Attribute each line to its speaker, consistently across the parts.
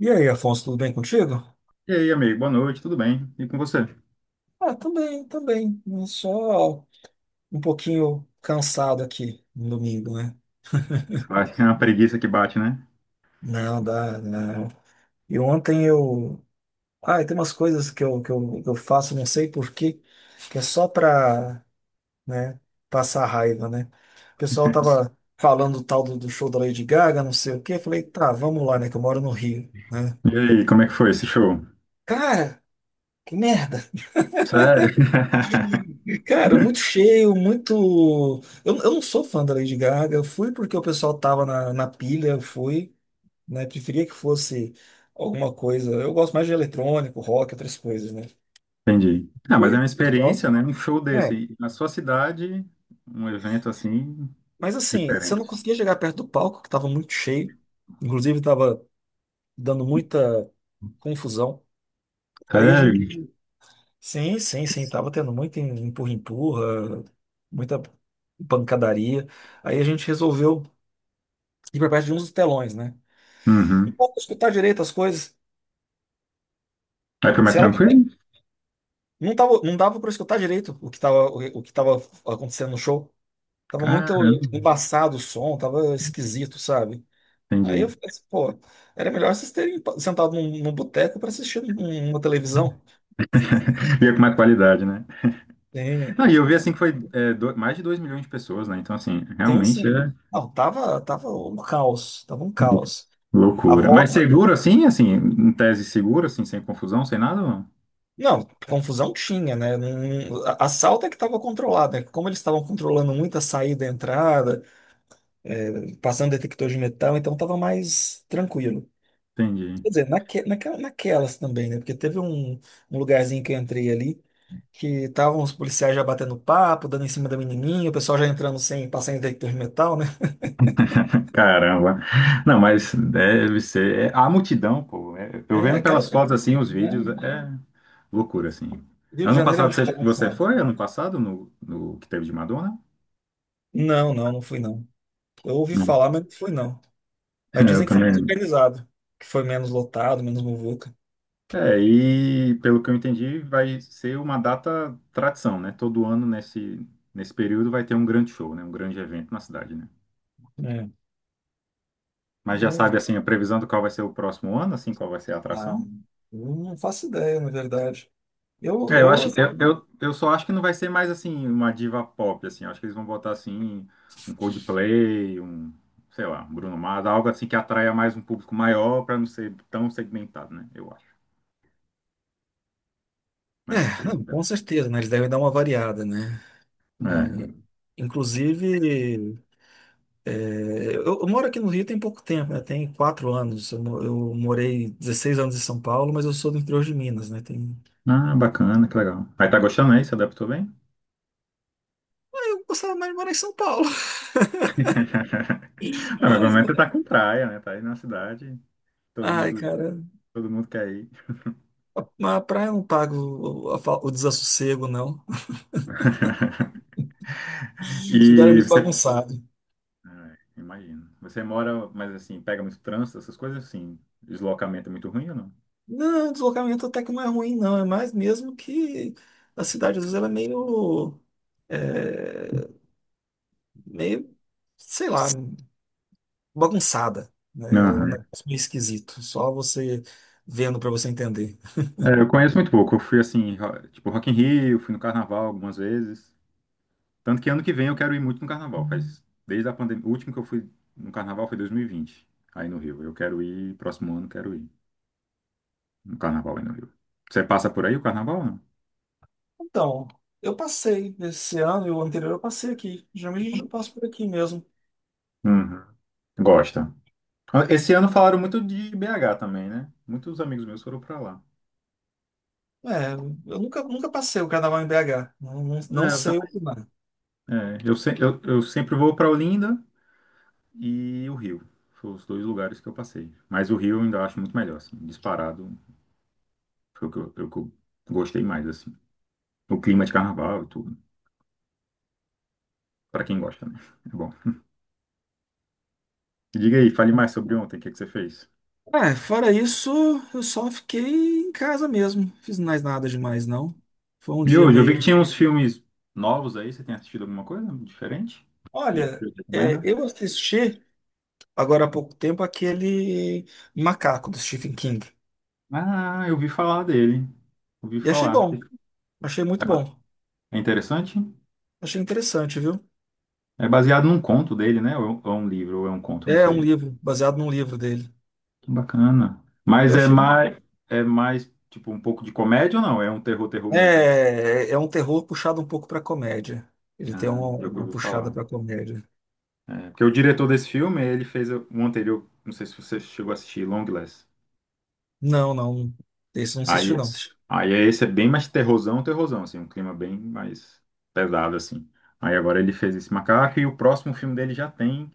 Speaker 1: E aí, Afonso, tudo bem contigo?
Speaker 2: E aí, amigo, boa noite, tudo bem? E com você?
Speaker 1: Ah, também, também. Só um pouquinho cansado aqui no domingo, né?
Speaker 2: Vai, é uma preguiça que bate, né?
Speaker 1: Não, dá, não. E ontem eu. Ah, e tem umas coisas que eu faço, não sei por quê, que é só pra, né, passar raiva, né? O pessoal tava falando do tal do show da Lady Gaga, não sei o quê. Eu falei, tá, vamos lá, né? Que eu moro no Rio, né?
Speaker 2: E aí, como é que foi esse show?
Speaker 1: Cara, que merda!
Speaker 2: Sério?
Speaker 1: Cara, muito cheio, muito. Eu não sou fã da Lady Gaga. Eu fui porque o pessoal tava na pilha, eu fui, né? Preferia que fosse alguma coisa. Eu gosto mais de eletrônico, rock, outras coisas, né?
Speaker 2: Entendi. Ah, mas é
Speaker 1: Fui,
Speaker 2: uma
Speaker 1: com o
Speaker 2: experiência,
Speaker 1: pessoal.
Speaker 2: né? Um show
Speaker 1: É.
Speaker 2: desse. Na sua cidade, um evento assim,
Speaker 1: Mas assim, você não
Speaker 2: diferente.
Speaker 1: conseguia chegar perto do palco, que tava muito cheio. Inclusive, tava dando muita confusão. Aí a gente.
Speaker 2: Sério?
Speaker 1: Sim, sim, sim. Tava tendo muito empurra-empurra, muita pancadaria. Aí a gente resolveu ir pra perto de uns dos telões, né? Não
Speaker 2: Uhum.
Speaker 1: dava pra escutar direito as coisas.
Speaker 2: Aí foi mais
Speaker 1: Se ela
Speaker 2: tranquilo?
Speaker 1: tiver- não tava, não dava para escutar direito o que tava, o que tava acontecendo no show. Tava
Speaker 2: Caramba,
Speaker 1: muito embaçado o som, tava esquisito, sabe? Aí eu
Speaker 2: entendi.
Speaker 1: falei assim, pô, era melhor vocês terem sentado num boteco para assistir uma televisão.
Speaker 2: Veio com mais qualidade, né?
Speaker 1: Tem,
Speaker 2: Não, e eu vi assim que foi mais de 2 milhões de pessoas, né? Então, assim,
Speaker 1: tem
Speaker 2: realmente
Speaker 1: sim.
Speaker 2: é
Speaker 1: Não, tava um caos, tava um caos. A
Speaker 2: loucura. Mas
Speaker 1: volta.
Speaker 2: seguro assim, assim, em tese seguro, assim, sem confusão, sem nada? Ou não?
Speaker 1: Não, confusão tinha, né? A salta é que estava controlada, né? Como eles estavam controlando muita saída e entrada, passando detector de metal, então estava mais tranquilo.
Speaker 2: Entendi.
Speaker 1: Quer dizer, naquelas também, né? Porque teve um, um lugarzinho que eu entrei ali que estavam os policiais já batendo papo, dando em cima da menininha, o pessoal já entrando sem passar em detector de metal, né?
Speaker 2: Caramba. Não, mas deve ser. A multidão, pô. Eu
Speaker 1: É
Speaker 2: vendo
Speaker 1: aquela.
Speaker 2: pelas fotos assim, os
Speaker 1: Né?
Speaker 2: vídeos, é loucura, assim.
Speaker 1: Rio de
Speaker 2: Ano
Speaker 1: Janeiro é
Speaker 2: passado
Speaker 1: muito
Speaker 2: você
Speaker 1: bagunçado.
Speaker 2: foi? Ano passado, no que teve de Madonna?
Speaker 1: Não, não, não fui não. Eu ouvi
Speaker 2: Não.
Speaker 1: falar, mas não fui não.
Speaker 2: É,
Speaker 1: Mas
Speaker 2: eu
Speaker 1: dizem que foi muito
Speaker 2: também.
Speaker 1: organizado, que foi menos lotado, menos muvuca.
Speaker 2: É, e pelo que eu entendi, vai ser uma data tradição, né? Todo nesse período vai ter um grande show, né? Um grande evento na cidade, né?
Speaker 1: É.
Speaker 2: Mas já
Speaker 1: Eu,
Speaker 2: sabe, assim, a previsão do qual vai ser o próximo ano, assim, qual vai ser a
Speaker 1: ah,
Speaker 2: atração?
Speaker 1: eu não faço ideia, na verdade.
Speaker 2: É, eu
Speaker 1: Eu
Speaker 2: acho, eu só acho que não vai ser mais assim uma diva pop assim. Eu acho que eles vão botar assim um Coldplay, um, sei lá, um Bruno Mars, algo assim que atraia mais um público maior para não ser tão segmentado, né? Eu acho. Mas não
Speaker 1: é,
Speaker 2: sei
Speaker 1: não, com
Speaker 2: ainda.
Speaker 1: certeza, né? Eles devem dar uma variada, né? É,
Speaker 2: É.
Speaker 1: inclusive, é, eu moro aqui no Rio tem pouco tempo, né? Tem quatro anos. Eu morei 16 anos em São Paulo, mas eu sou do interior de Minas, né? Tem...
Speaker 2: Ah, bacana, que legal. Aí tá gostando aí? Se adaptou bem?
Speaker 1: Eu gostava mais de morar em São Paulo,
Speaker 2: Não, mas pelo
Speaker 1: mas,
Speaker 2: menos você
Speaker 1: né?
Speaker 2: tá com praia, né? Tá aí na cidade, todo
Speaker 1: Ai,
Speaker 2: mundo,
Speaker 1: cara,
Speaker 2: todo mundo quer ir.
Speaker 1: a praia não paga a o desassossego, não. Esse lugar é
Speaker 2: E
Speaker 1: muito
Speaker 2: você,
Speaker 1: bagunçado.
Speaker 2: é, imagino. Você mora, mas assim, pega muito trânsito, essas coisas assim. Deslocamento é muito ruim ou não?
Speaker 1: Não, o deslocamento até que não é ruim, não. É mais mesmo que a cidade, às vezes, ela é, meio, sei lá, bagunçada, né? É um
Speaker 2: Aham.
Speaker 1: negócio meio esquisito, só você vendo para você entender.
Speaker 2: É, eu conheço muito pouco. Eu fui assim, tipo Rock in Rio, fui no Carnaval algumas vezes. Tanto que ano que vem eu quero ir muito no Carnaval. Faz desde a pandemia, o último que eu fui no Carnaval foi 2020, aí no Rio. Eu quero ir, próximo ano quero ir no Carnaval aí no Rio. Você passa por aí o Carnaval, não?
Speaker 1: Então, eu passei esse ano e o anterior eu passei aqui. Geralmente eu passo por aqui mesmo.
Speaker 2: Uhum. Gosta. Esse ano falaram muito de BH também, né? Muitos amigos meus foram pra lá.
Speaker 1: É, eu nunca, nunca passei o carnaval em BH. Não, não,
Speaker 2: É,
Speaker 1: não
Speaker 2: eu,
Speaker 1: sei
Speaker 2: também-
Speaker 1: opinar.
Speaker 2: é, eu, se- eu sempre vou pra Olinda e o Rio. Foram os dois lugares que eu passei. Mas o Rio eu ainda acho muito melhor, assim, disparado. Foi o que eu gostei mais, assim. O clima de carnaval e tudo. Pra quem gosta, né? É bom. Diga aí, fale mais sobre ontem, o que que você fez?
Speaker 1: É, fora isso, eu só fiquei em casa mesmo. Fiz mais nada demais, não. Foi um
Speaker 2: E
Speaker 1: dia
Speaker 2: hoje, eu vi
Speaker 1: meio.
Speaker 2: que tinha uns filmes novos aí. Você tem assistido alguma coisa diferente? Que
Speaker 1: Olha,
Speaker 2: eu
Speaker 1: é,
Speaker 2: recomendo?
Speaker 1: eu assisti agora há pouco tempo aquele Macaco do Stephen King.
Speaker 2: Ah, eu ouvi falar dele. Ouvi
Speaker 1: E achei
Speaker 2: falar.
Speaker 1: bom. Achei
Speaker 2: É
Speaker 1: muito
Speaker 2: ba-
Speaker 1: bom.
Speaker 2: é interessante?
Speaker 1: Achei interessante, viu?
Speaker 2: É baseado num conto dele, né? Ou é um livro, ou é um conto, não
Speaker 1: É um
Speaker 2: sei.
Speaker 1: livro, baseado num livro dele.
Speaker 2: Que bacana.
Speaker 1: Eu
Speaker 2: Mas
Speaker 1: achei.
Speaker 2: é mais, tipo, um pouco de comédia ou não? É um terror, terror
Speaker 1: É,
Speaker 2: mesmo.
Speaker 1: é um terror puxado um pouco para comédia. Ele tem
Speaker 2: Ah, eu
Speaker 1: uma
Speaker 2: ouvi
Speaker 1: puxada
Speaker 2: falar.
Speaker 1: para comédia.
Speaker 2: É, porque o diretor desse filme, ele fez um anterior, não sei se você chegou a assistir, Longlegs.
Speaker 1: Não, não. Esse eu não
Speaker 2: Aí,
Speaker 1: assisti, não.
Speaker 2: esse- aí é esse é bem mais terrorzão, terrorzão, assim, um clima bem mais pesado, assim. Aí agora ele fez esse macaco e o próximo filme dele já tem,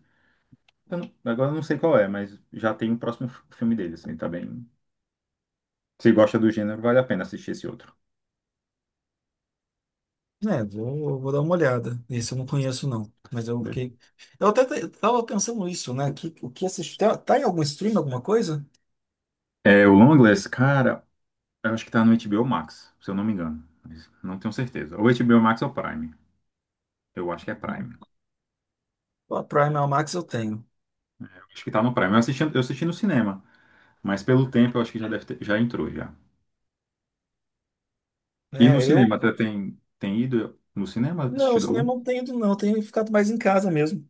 Speaker 2: eu não- agora eu não sei qual é, mas já tem o próximo filme dele, assim, tá bem. Se gosta do gênero, vale a pena assistir esse outro.
Speaker 1: É, vou dar uma olhada. Esse eu não conheço, não. Mas eu
Speaker 2: Beleza.
Speaker 1: fiquei. Tava pensando nisso, né? Que, o que assistir. Tá em algum stream, alguma coisa?
Speaker 2: É, o Longlegs, cara, eu acho que tá no HBO Max, se eu não me engano. Mas não tenho certeza. Ou HBO Max ou Prime. Eu acho que é Prime.
Speaker 1: A Prime a Max eu tenho.
Speaker 2: Eu acho que tá no Prime. Eu assisti no cinema. Mas pelo tempo eu acho que já deve ter, já entrou já. E no
Speaker 1: É,
Speaker 2: cinema,
Speaker 1: eu.
Speaker 2: até tem, tem ido no cinema,
Speaker 1: Não, o
Speaker 2: assistido algum?
Speaker 1: cinema eu não tenho ido, não. Eu tenho ficado mais em casa mesmo.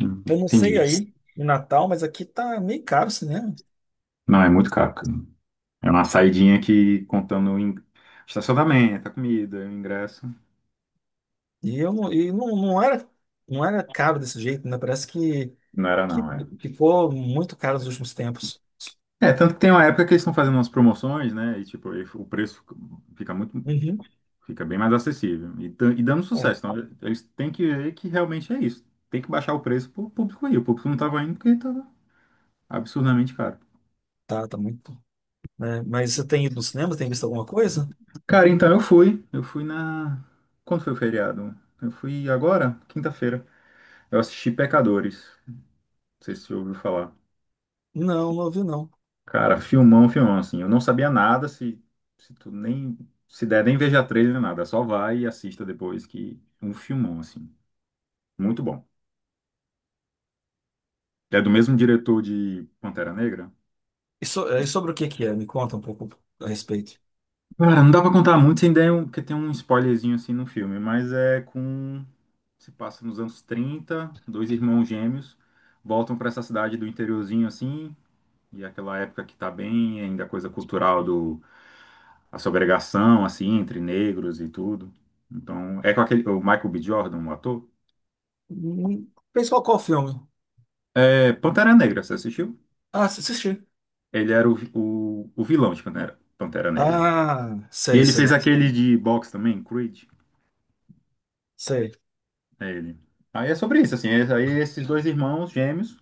Speaker 2: Hum,
Speaker 1: Eu não sei
Speaker 2: Entendi.
Speaker 1: aí, no Natal, mas aqui tá meio caro o cinema.
Speaker 2: Não, é muito caro, cara. É uma saidinha que contando estacionamento, a comida, o ingresso.
Speaker 1: E não, não era caro desse jeito, né? Parece
Speaker 2: Não era
Speaker 1: que
Speaker 2: não, é.
Speaker 1: ficou muito caro nos últimos tempos.
Speaker 2: É, tanto que tem uma época que eles estão fazendo umas promoções, né? E tipo, aí o preço fica muito,
Speaker 1: Uhum.
Speaker 2: fica bem mais acessível. E, e dando
Speaker 1: É,
Speaker 2: sucesso. Então, eles têm que ver que realmente é isso. Tem que baixar o preço pro público ir. O público não tava indo porque tava absurdamente caro.
Speaker 1: tá muito, né? Mas você tem ido no cinema? Tem visto alguma coisa?
Speaker 2: Cara, então eu fui. Eu fui na. Quando foi o feriado? Eu fui agora, quinta-feira. Eu assisti Pecadores. Não sei se você ouviu falar.
Speaker 1: Não, não vi não.
Speaker 2: Cara, filmão, filmão, assim. Eu não sabia nada, se tu nem. Se der, nem veja trailer, nem nada. Só vai e assista depois que. É um filmão, assim. Muito bom. É do mesmo diretor de Pantera Negra?
Speaker 1: É, e sobre o que que é? Me conta um pouco a respeito.
Speaker 2: Cara, não dá pra contar muito sem dar um, porque tem um spoilerzinho assim no filme, mas é com. Se passa nos anos trinta, dois irmãos gêmeos voltam pra essa cidade do interiorzinho assim, e é aquela época que tá bem ainda a coisa cultural do a segregação assim entre negros e tudo. Então, é com aquele o Michael B. Jordan, o ator.
Speaker 1: Fez qual, qual filme?
Speaker 2: É Pantera Negra, você assistiu?
Speaker 1: Ah, assisti.
Speaker 2: Ele era o vilão de Pantera, Pantera Negra.
Speaker 1: Ah,
Speaker 2: E
Speaker 1: sei,
Speaker 2: ele fez
Speaker 1: sei,
Speaker 2: aquele de boxe também, Creed.
Speaker 1: sei.
Speaker 2: É ele. Aí é sobre isso, assim. Aí esses dois irmãos gêmeos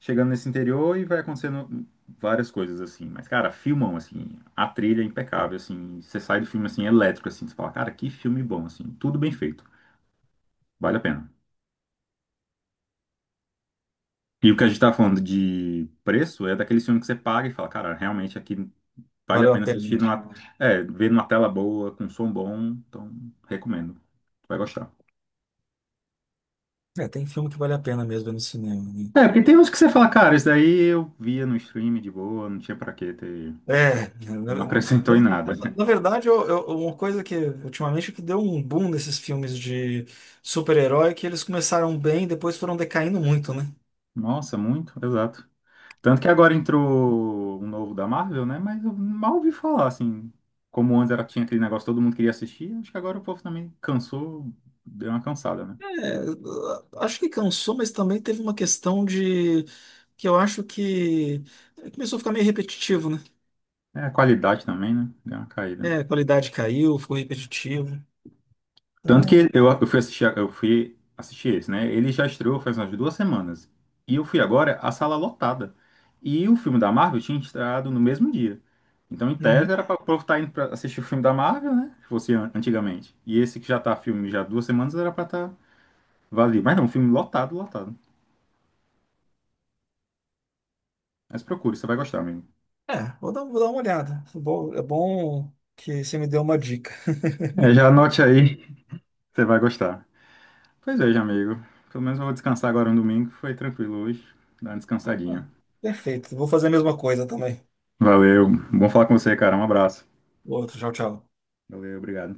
Speaker 2: chegando nesse interior e vai acontecendo várias coisas, assim. Mas, cara, filmam, assim. A trilha é impecável, assim. Você sai do filme, assim, elétrico, assim. Você fala, cara, que filme bom, assim. Tudo bem feito. Vale a pena. E o que a gente tá falando de preço é daquele filme que você paga e fala, cara, realmente aqui vale a
Speaker 1: Valeu a
Speaker 2: pena
Speaker 1: pena.
Speaker 2: assistir numa, é, ver numa tela boa, com som bom. Então, recomendo. Tu vai gostar.
Speaker 1: É, tem filme que vale a pena mesmo ver no cinema, né?
Speaker 2: É, porque tem uns que você fala, cara, isso daí eu via no stream de boa, não tinha pra que ter.
Speaker 1: É,
Speaker 2: Não acrescentou em nada.
Speaker 1: na verdade, uma coisa que ultimamente que deu um boom nesses filmes de super-herói, é que eles começaram bem, depois foram decaindo muito, né?
Speaker 2: Nossa, muito, exato. Tanto que agora entrou um novo da Marvel, né? Mas eu mal ouvi falar, assim. Como antes era, tinha aquele negócio, todo mundo queria assistir, acho que agora o povo também cansou, deu uma cansada, né?
Speaker 1: É, acho que cansou, mas também teve uma questão de que eu acho que começou a ficar meio repetitivo, né?
Speaker 2: É, a qualidade também, né? Deu uma caída.
Speaker 1: É, a qualidade caiu, ficou repetitivo.
Speaker 2: Tanto que
Speaker 1: Então,
Speaker 2: eu fui assistir, eu fui assistir esse, né? Ele já estreou faz umas 2 semanas. E eu fui agora, a sala lotada. E o filme da Marvel tinha estreado no mesmo dia. Então, em tese,
Speaker 1: uhum.
Speaker 2: era para o povo estar indo para assistir o filme da Marvel, né? Que fosse antigamente. E esse que já tá filme já há 2 semanas era para estar vazio. Mas não, filme lotado, lotado. Mas procure, você vai gostar, amigo.
Speaker 1: É, vou dar uma olhada. É bom que você me deu uma dica.
Speaker 2: É, já anote aí, você vai gostar. Pois é, já, amigo. Pelo menos eu vou descansar agora no domingo. Foi tranquilo hoje. Dá uma
Speaker 1: É,
Speaker 2: descansadinha.
Speaker 1: perfeito, vou fazer a mesma coisa também.
Speaker 2: Valeu. Bom falar com você, cara. Um abraço.
Speaker 1: Outro, tchau, tchau.
Speaker 2: Valeu, obrigado.